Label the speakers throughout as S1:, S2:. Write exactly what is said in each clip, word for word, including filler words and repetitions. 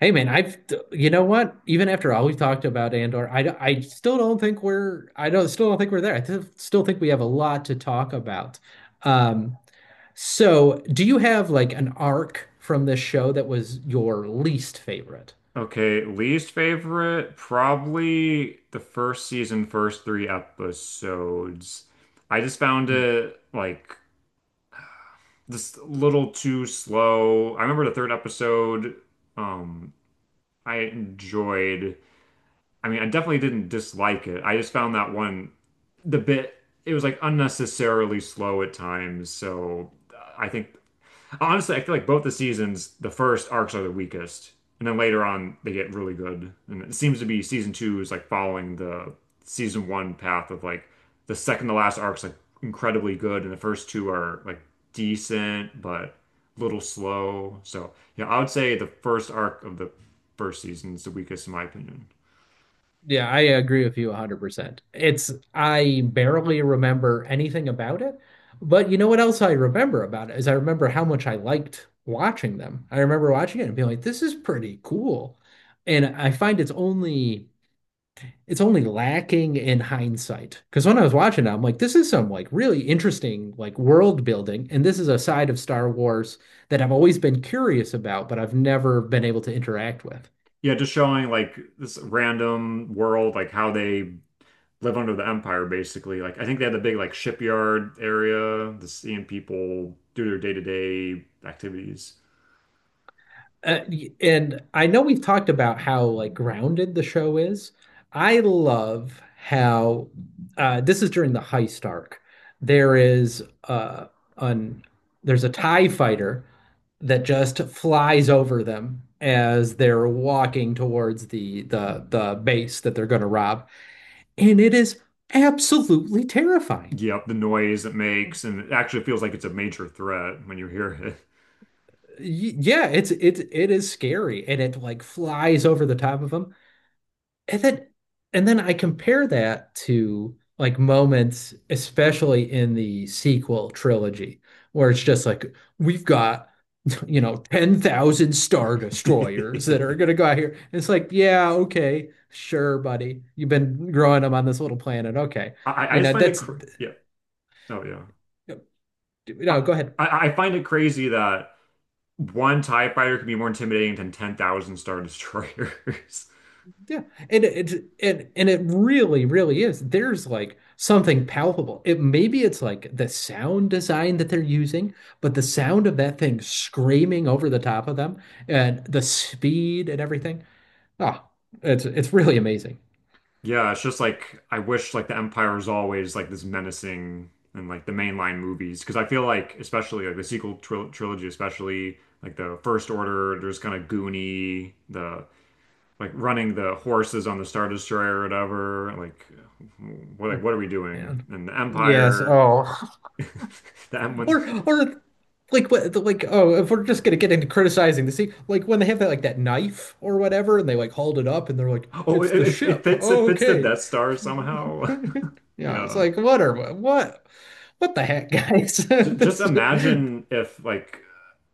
S1: Hey man, I've you know what? Even after all we've talked about Andor, I I still don't think we're I don't still don't think we're there. I th Still think we have a lot to talk about. Um, so do you have like an arc from this show that was your least favorite?
S2: Okay, least favorite, probably the first season, first three episodes. I just found
S1: Mm-hmm.
S2: it like just a little too slow. I remember the third episode, um, I enjoyed. I mean, I definitely didn't dislike it. I just found that one the bit it was like unnecessarily slow at times, so I think honestly, I feel like both the seasons, the first arcs are the weakest, and then later on they get really good. And it seems to be season two is like following the season one path of like the second to last arc's like incredibly good, and the first two are like decent but a little slow. So yeah, I would say the first arc of the first season is the weakest in my opinion.
S1: Yeah, I agree with you one hundred percent. It's I barely remember anything about it, but you know what else I remember about it is I remember how much I liked watching them. I remember watching it and being like, this is pretty cool. And I find it's only it's only lacking in hindsight. Because when I was watching it, I'm like, this is some like really interesting like world building, and this is a side of Star Wars that I've always been curious about, but I've never been able to interact with.
S2: Yeah, just showing like this random world, like how they live under the empire basically. Like I think they had the big like shipyard area, the seeing people do their day-to-day activities.
S1: Uh, and I know we've talked about how like grounded the show is. I love how uh, this is during the heist arc. There is uh, an there's a TIE fighter that just flies over them as they're walking towards the the the base that they're going to rob, and it is absolutely terrifying.
S2: Yep, the noise it makes, and it actually feels like it's a major threat when you hear
S1: Y- Yeah, it's it's it is scary, and it like flies over the top of them. And then and then I compare that to like moments, especially in the sequel trilogy, where it's just like we've got, you know, ten thousand Star Destroyers that are
S2: it.
S1: gonna go out here. It's like, yeah, okay, sure, buddy. You've been growing them on this little planet. Okay.
S2: I, I
S1: You
S2: just
S1: know,
S2: find it
S1: that's
S2: cr yeah. Oh yeah. I,
S1: No, go ahead.
S2: I I find it crazy that one TIE fighter can be more intimidating than ten thousand Star Destroyers.
S1: Yeah, and it it- and and it really, really is. There's like something palpable. It Maybe it's like the sound design that they're using, but the sound of that thing screaming over the top of them and the speed and everything. Ah, it's it's really amazing.
S2: Yeah, it's just like I wish like the Empire was always like this menacing and like the mainline movies because I feel like especially like the sequel tril trilogy especially like the First Order, there's kind of Goonie the like running the horses on the Star Destroyer or whatever, like what,
S1: Oh,
S2: like what are we doing?
S1: man.
S2: And the
S1: Yes.
S2: Empire
S1: Oh.
S2: the M when
S1: Or or like what like oh, if we're just gonna get into criticizing the sea, like when they have that like that knife or whatever and they like hauled it up and they're like
S2: oh, it,
S1: it's the
S2: it it
S1: ship.
S2: fits, it
S1: Oh,
S2: fits the
S1: okay.
S2: Death Star somehow.
S1: yeah, it's
S2: Yeah.
S1: like what are what what the heck, guys?
S2: J- just
S1: this...
S2: imagine if like,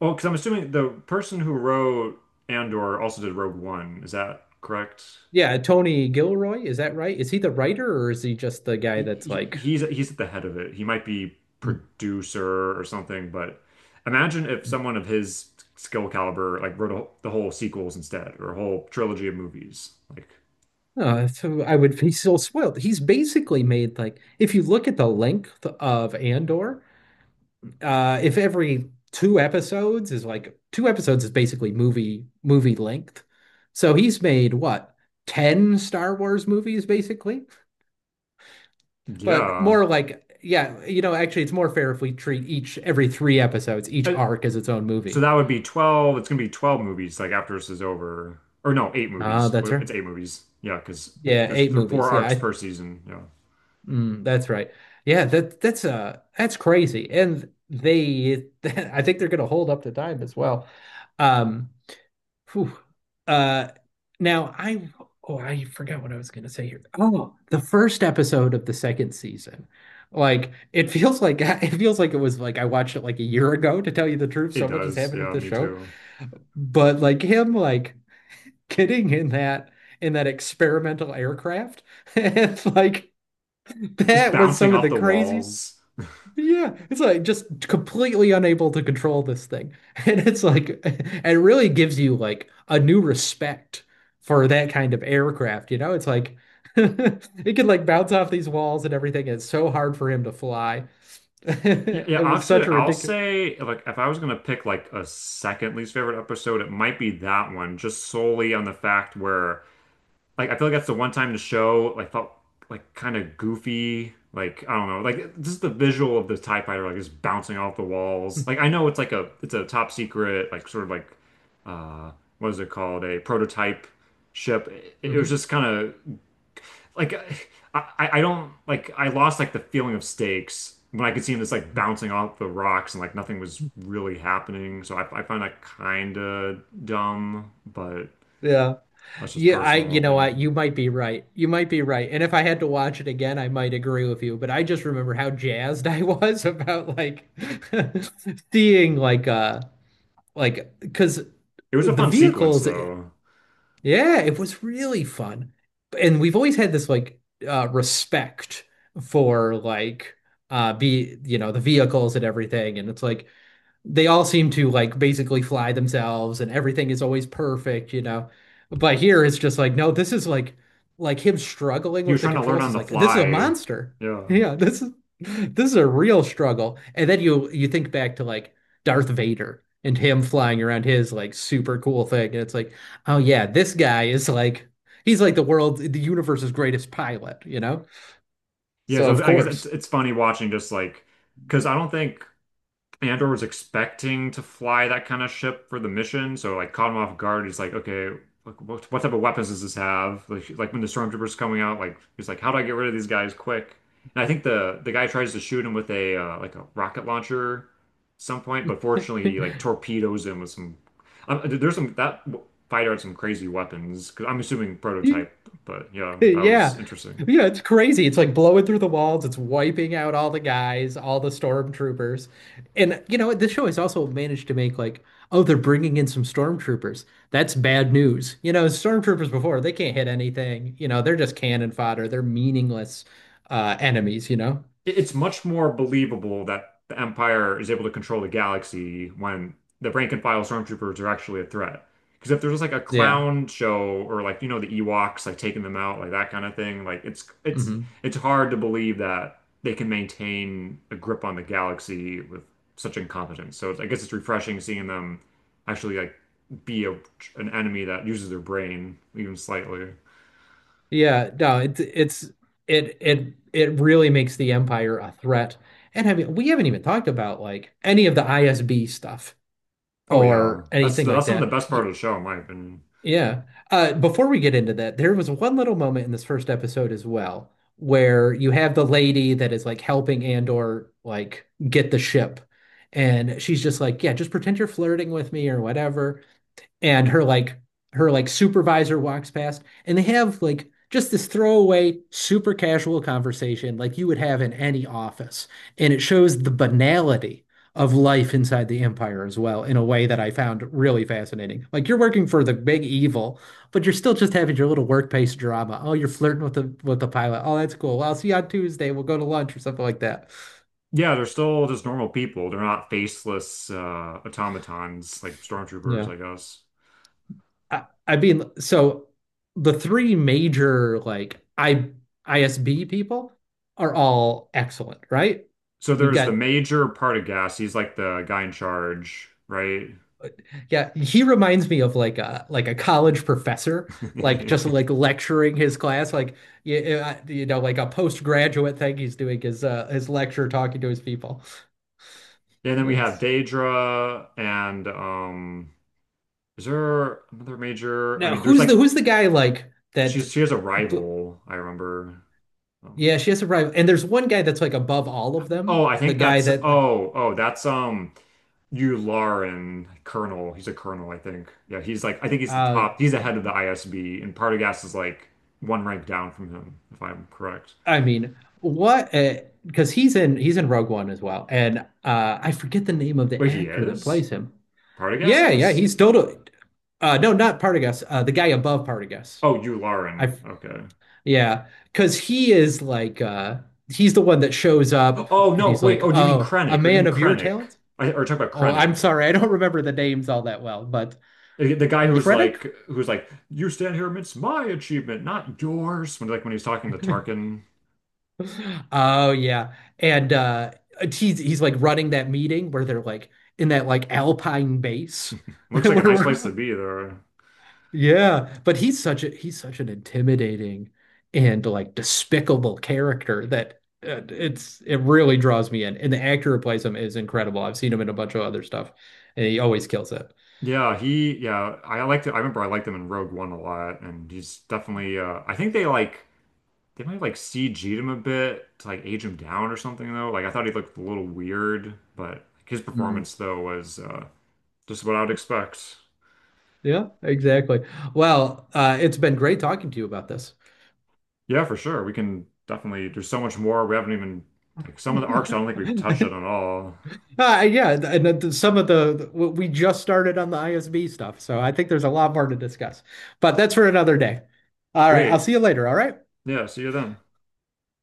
S2: well, because I'm assuming the person who wrote Andor also did Rogue One. Is that correct?
S1: yeah, Tony Gilroy, is that right? Is he the writer or is he just the guy
S2: He,
S1: that's
S2: he-
S1: like...
S2: he's he's at the head of it. He might be
S1: Mm,
S2: producer or something, but imagine if
S1: mm. mm.
S2: someone of his skill caliber like wrote a, the whole sequels instead, or a whole trilogy of movies. Like,
S1: Oh, so I would be so spoiled. He's basically made... like if you look at the length of Andor, uh if every two episodes is like... two episodes is basically movie movie length. So he's made what, ten Star Wars movies basically, but
S2: yeah.
S1: more like... yeah, you know, actually it's more fair if we treat each every three episodes, each
S2: Uh,
S1: arc, as its own
S2: So
S1: movie.
S2: that would be twelve. It's gonna be twelve movies like after this is over. Or no, eight
S1: Ah,
S2: movies.
S1: that's
S2: What-
S1: right.
S2: it's eight movies. Yeah, because
S1: Yeah,
S2: there's
S1: eight
S2: there are four
S1: movies. Yeah,
S2: arcs
S1: I,
S2: per season. Yeah.
S1: mm, that's right. Yeah, that that's uh that's crazy. And they, I think they're going to hold up to time as well. Um Phew. Uh, Now I oh I forgot what I was gonna say here. Oh, the first episode of the second season. Like it feels like... it feels like it was like I watched it like a year ago, to tell you the truth.
S2: It
S1: So much has
S2: does.
S1: happened with
S2: Yeah,
S1: the
S2: me
S1: show.
S2: too.
S1: But like him like getting in that... in that experimental aircraft. It's like
S2: Just
S1: that was
S2: bouncing
S1: some of
S2: off
S1: the
S2: the
S1: crazy...
S2: walls.
S1: yeah, it's like just completely unable to control this thing. And it's like, and it really gives you like a new respect for that kind of aircraft, you know? It's like it could like bounce off these walls and everything. It's so hard for him to fly.
S2: Yeah, yeah,
S1: It was such
S2: actually,
S1: a
S2: I'll
S1: ridiculous...
S2: say like if I was gonna pick like a second least favorite episode, it might be that one, just solely on the fact where like I feel like that's the one time the show like felt like kind of goofy. Like I don't know, like just the visual of the TIE fighter like just bouncing off the walls. Like I know it's like a it's a top secret like sort of like uh what is it called, a prototype ship. It, it was
S1: Mhm.
S2: just kind of like I, I don't like I lost like the feeling of stakes when I could see him just like bouncing off the rocks and like nothing was really happening. So I I find that kind of dumb, but
S1: Yeah.
S2: that's just
S1: Yeah, I,
S2: personal
S1: you know what,
S2: opinion.
S1: you might be right. You might be right. And if I had to watch it again, I might agree with you, but I just remember how jazzed I was about like seeing like uh Like, because
S2: It was a
S1: the
S2: fun sequence
S1: vehicles,
S2: though.
S1: yeah, it was really fun. And we've always had this like uh respect for like uh be you know, the vehicles and everything. And it's like they all seem to like basically fly themselves and everything is always perfect, you know. But here it's just like, no, this is like... like him struggling
S2: He
S1: with
S2: was
S1: the
S2: trying to learn
S1: controls
S2: on
S1: is
S2: the
S1: like this is a
S2: fly.
S1: monster.
S2: Yeah.
S1: Yeah, this is... this is a real struggle. And then you you think back to like Darth Vader and him flying around his like super cool thing. And it's like, oh yeah, this guy is like... he's like the world, the universe's greatest pilot, you know?
S2: Yeah,
S1: So
S2: so
S1: of
S2: I guess it's
S1: course.
S2: it's funny watching just like because I don't think Andor was expecting to fly that kind of ship for the mission, so like caught him off guard. He's like, okay, like, what, what type of weapons does this have? Like, like when the stormtroopers coming out, like he's like, how do I get rid of these guys quick? And I think the the guy tries to shoot him with a uh, like a rocket launcher, at some point, but fortunately, he like torpedoes him with some. Um, there's some that fighter had some crazy weapons. i I'm assuming prototype, but yeah, that was
S1: Yeah.
S2: interesting.
S1: Yeah, it's crazy. It's like blowing through the walls. It's wiping out all the guys, all the stormtroopers. And you know what? This show has also managed to make like, oh, they're bringing in some stormtroopers. That's bad news. You know, stormtroopers before, they can't hit anything. You know, they're just cannon fodder. They're meaningless uh enemies, you know?
S2: It- it's much more believable that the Empire is able to control the galaxy when the rank and file stormtroopers are actually a threat. Because if there's like a
S1: Yeah.
S2: clown show or like you know the Ewoks like taking them out like that kind of thing, like it's it's
S1: Hmm.
S2: it's hard to believe that they can maintain a grip on the galaxy with such incompetence. So it's, I guess it's refreshing seeing them actually like be a, an enemy that uses their brain even slightly.
S1: Yeah, no, it's it's it it it really makes the Empire a threat. And I mean, we haven't even talked about like any of the I S B stuff
S2: Oh yeah,
S1: or
S2: that's
S1: anything
S2: the,
S1: like
S2: that's some of the
S1: that.
S2: best part
S1: Y-
S2: of the show in my opinion.
S1: Yeah. Uh, before we get into that, there was one little moment in this first episode as well where you have the lady that is like helping Andor like get the ship. And she's just like, yeah, just pretend you're flirting with me or whatever, and her like... her like supervisor walks past and they have like just this throwaway super casual conversation like you would have in any office, and it shows the banality of life inside the empire as well in a way that I found really fascinating. Like you're working for the big evil, but you're still just having your little workplace drama. Oh, you're flirting with the with the pilot. Oh, that's cool. I'll see you on Tuesday. We'll go to lunch or something like that.
S2: Yeah, they're still just normal people. They're not faceless uh, automatons like stormtroopers,
S1: Yeah.
S2: I guess.
S1: I, I mean, so the three major like I ISB people are all excellent, right?
S2: So
S1: We
S2: there's the
S1: got...
S2: major part of Gas. He's like the guy in charge, right?
S1: yeah, he reminds me of like a... like a college professor, like just like lecturing his class, like you, you know, like a postgraduate thing he's doing, his uh his lecture, talking to his people.
S2: And then we have
S1: That's...
S2: Daedra and um is there another major? I
S1: now
S2: mean, there's
S1: who's the
S2: like
S1: who's the guy like that...
S2: she's she has a rival, I remember. Um,
S1: yeah, she has a rival. And there's one guy that's like above all of them,
S2: Oh, I
S1: the
S2: think
S1: guy
S2: that's
S1: that...
S2: oh, oh, that's um Yularen Colonel. He's a colonel, I think. Yeah, he's like I think he's the
S1: Oh.
S2: top. He's the head of the I S B, and Partagas is like one rank down from him, if I'm correct.
S1: I mean, what? Uh, because he's in he's in Rogue One as well, and uh, I forget the name of the
S2: Wait, he
S1: actor that
S2: is?
S1: plays him.
S2: Partagas
S1: Yeah, yeah,
S2: is?
S1: he's totally. Uh, no, not Partagas. Uh, the guy above Partagas.
S2: Oh, Yularen.
S1: I...
S2: Okay.
S1: yeah, because he is like uh, he's the one that shows up
S2: Oh
S1: and
S2: no,
S1: he's
S2: wait.
S1: like,
S2: Oh, do you mean
S1: "Oh, a
S2: Krennic? Or do you
S1: man
S2: mean
S1: of your
S2: Krennic?
S1: talent."
S2: I or talk about
S1: Oh, I'm
S2: Krennic.
S1: sorry, I don't remember the names all that well, but...
S2: The the guy who's
S1: Krennic?
S2: like who's like, you stand here amidst my achievement, not yours. When like when he's talking to Tarkin.
S1: Oh yeah. And uh he's he's like running that meeting where they're like in that like Alpine base
S2: Looks
S1: where
S2: like a nice place
S1: we're...
S2: to be there.
S1: yeah, but he's such a he's such an intimidating and like despicable character that uh, it's... it really draws me in. And the actor who plays him is incredible. I've seen him in a bunch of other stuff and he always kills it.
S2: Yeah, he yeah, I liked it. I remember I liked him in Rogue One a lot, and he's definitely uh I think they like they might have like C G'd him a bit to like age him down or something though. Like I thought he looked a little weird, but his
S1: Mhm.
S2: performance though was uh just what I would expect.
S1: Yeah, exactly. Well, uh it's been great talking to you about this.
S2: Yeah, for sure. We can definitely there's so much more we haven't even like some of the arcs I don't think we've touched on at all.
S1: Uh, yeah, th- and uh, th- some of the the- w- we just started on the I S B stuff, so I think there's a lot more to discuss. But that's for another day. All right, I'll
S2: Great.
S1: see you later, all right?
S2: Yeah, see you then.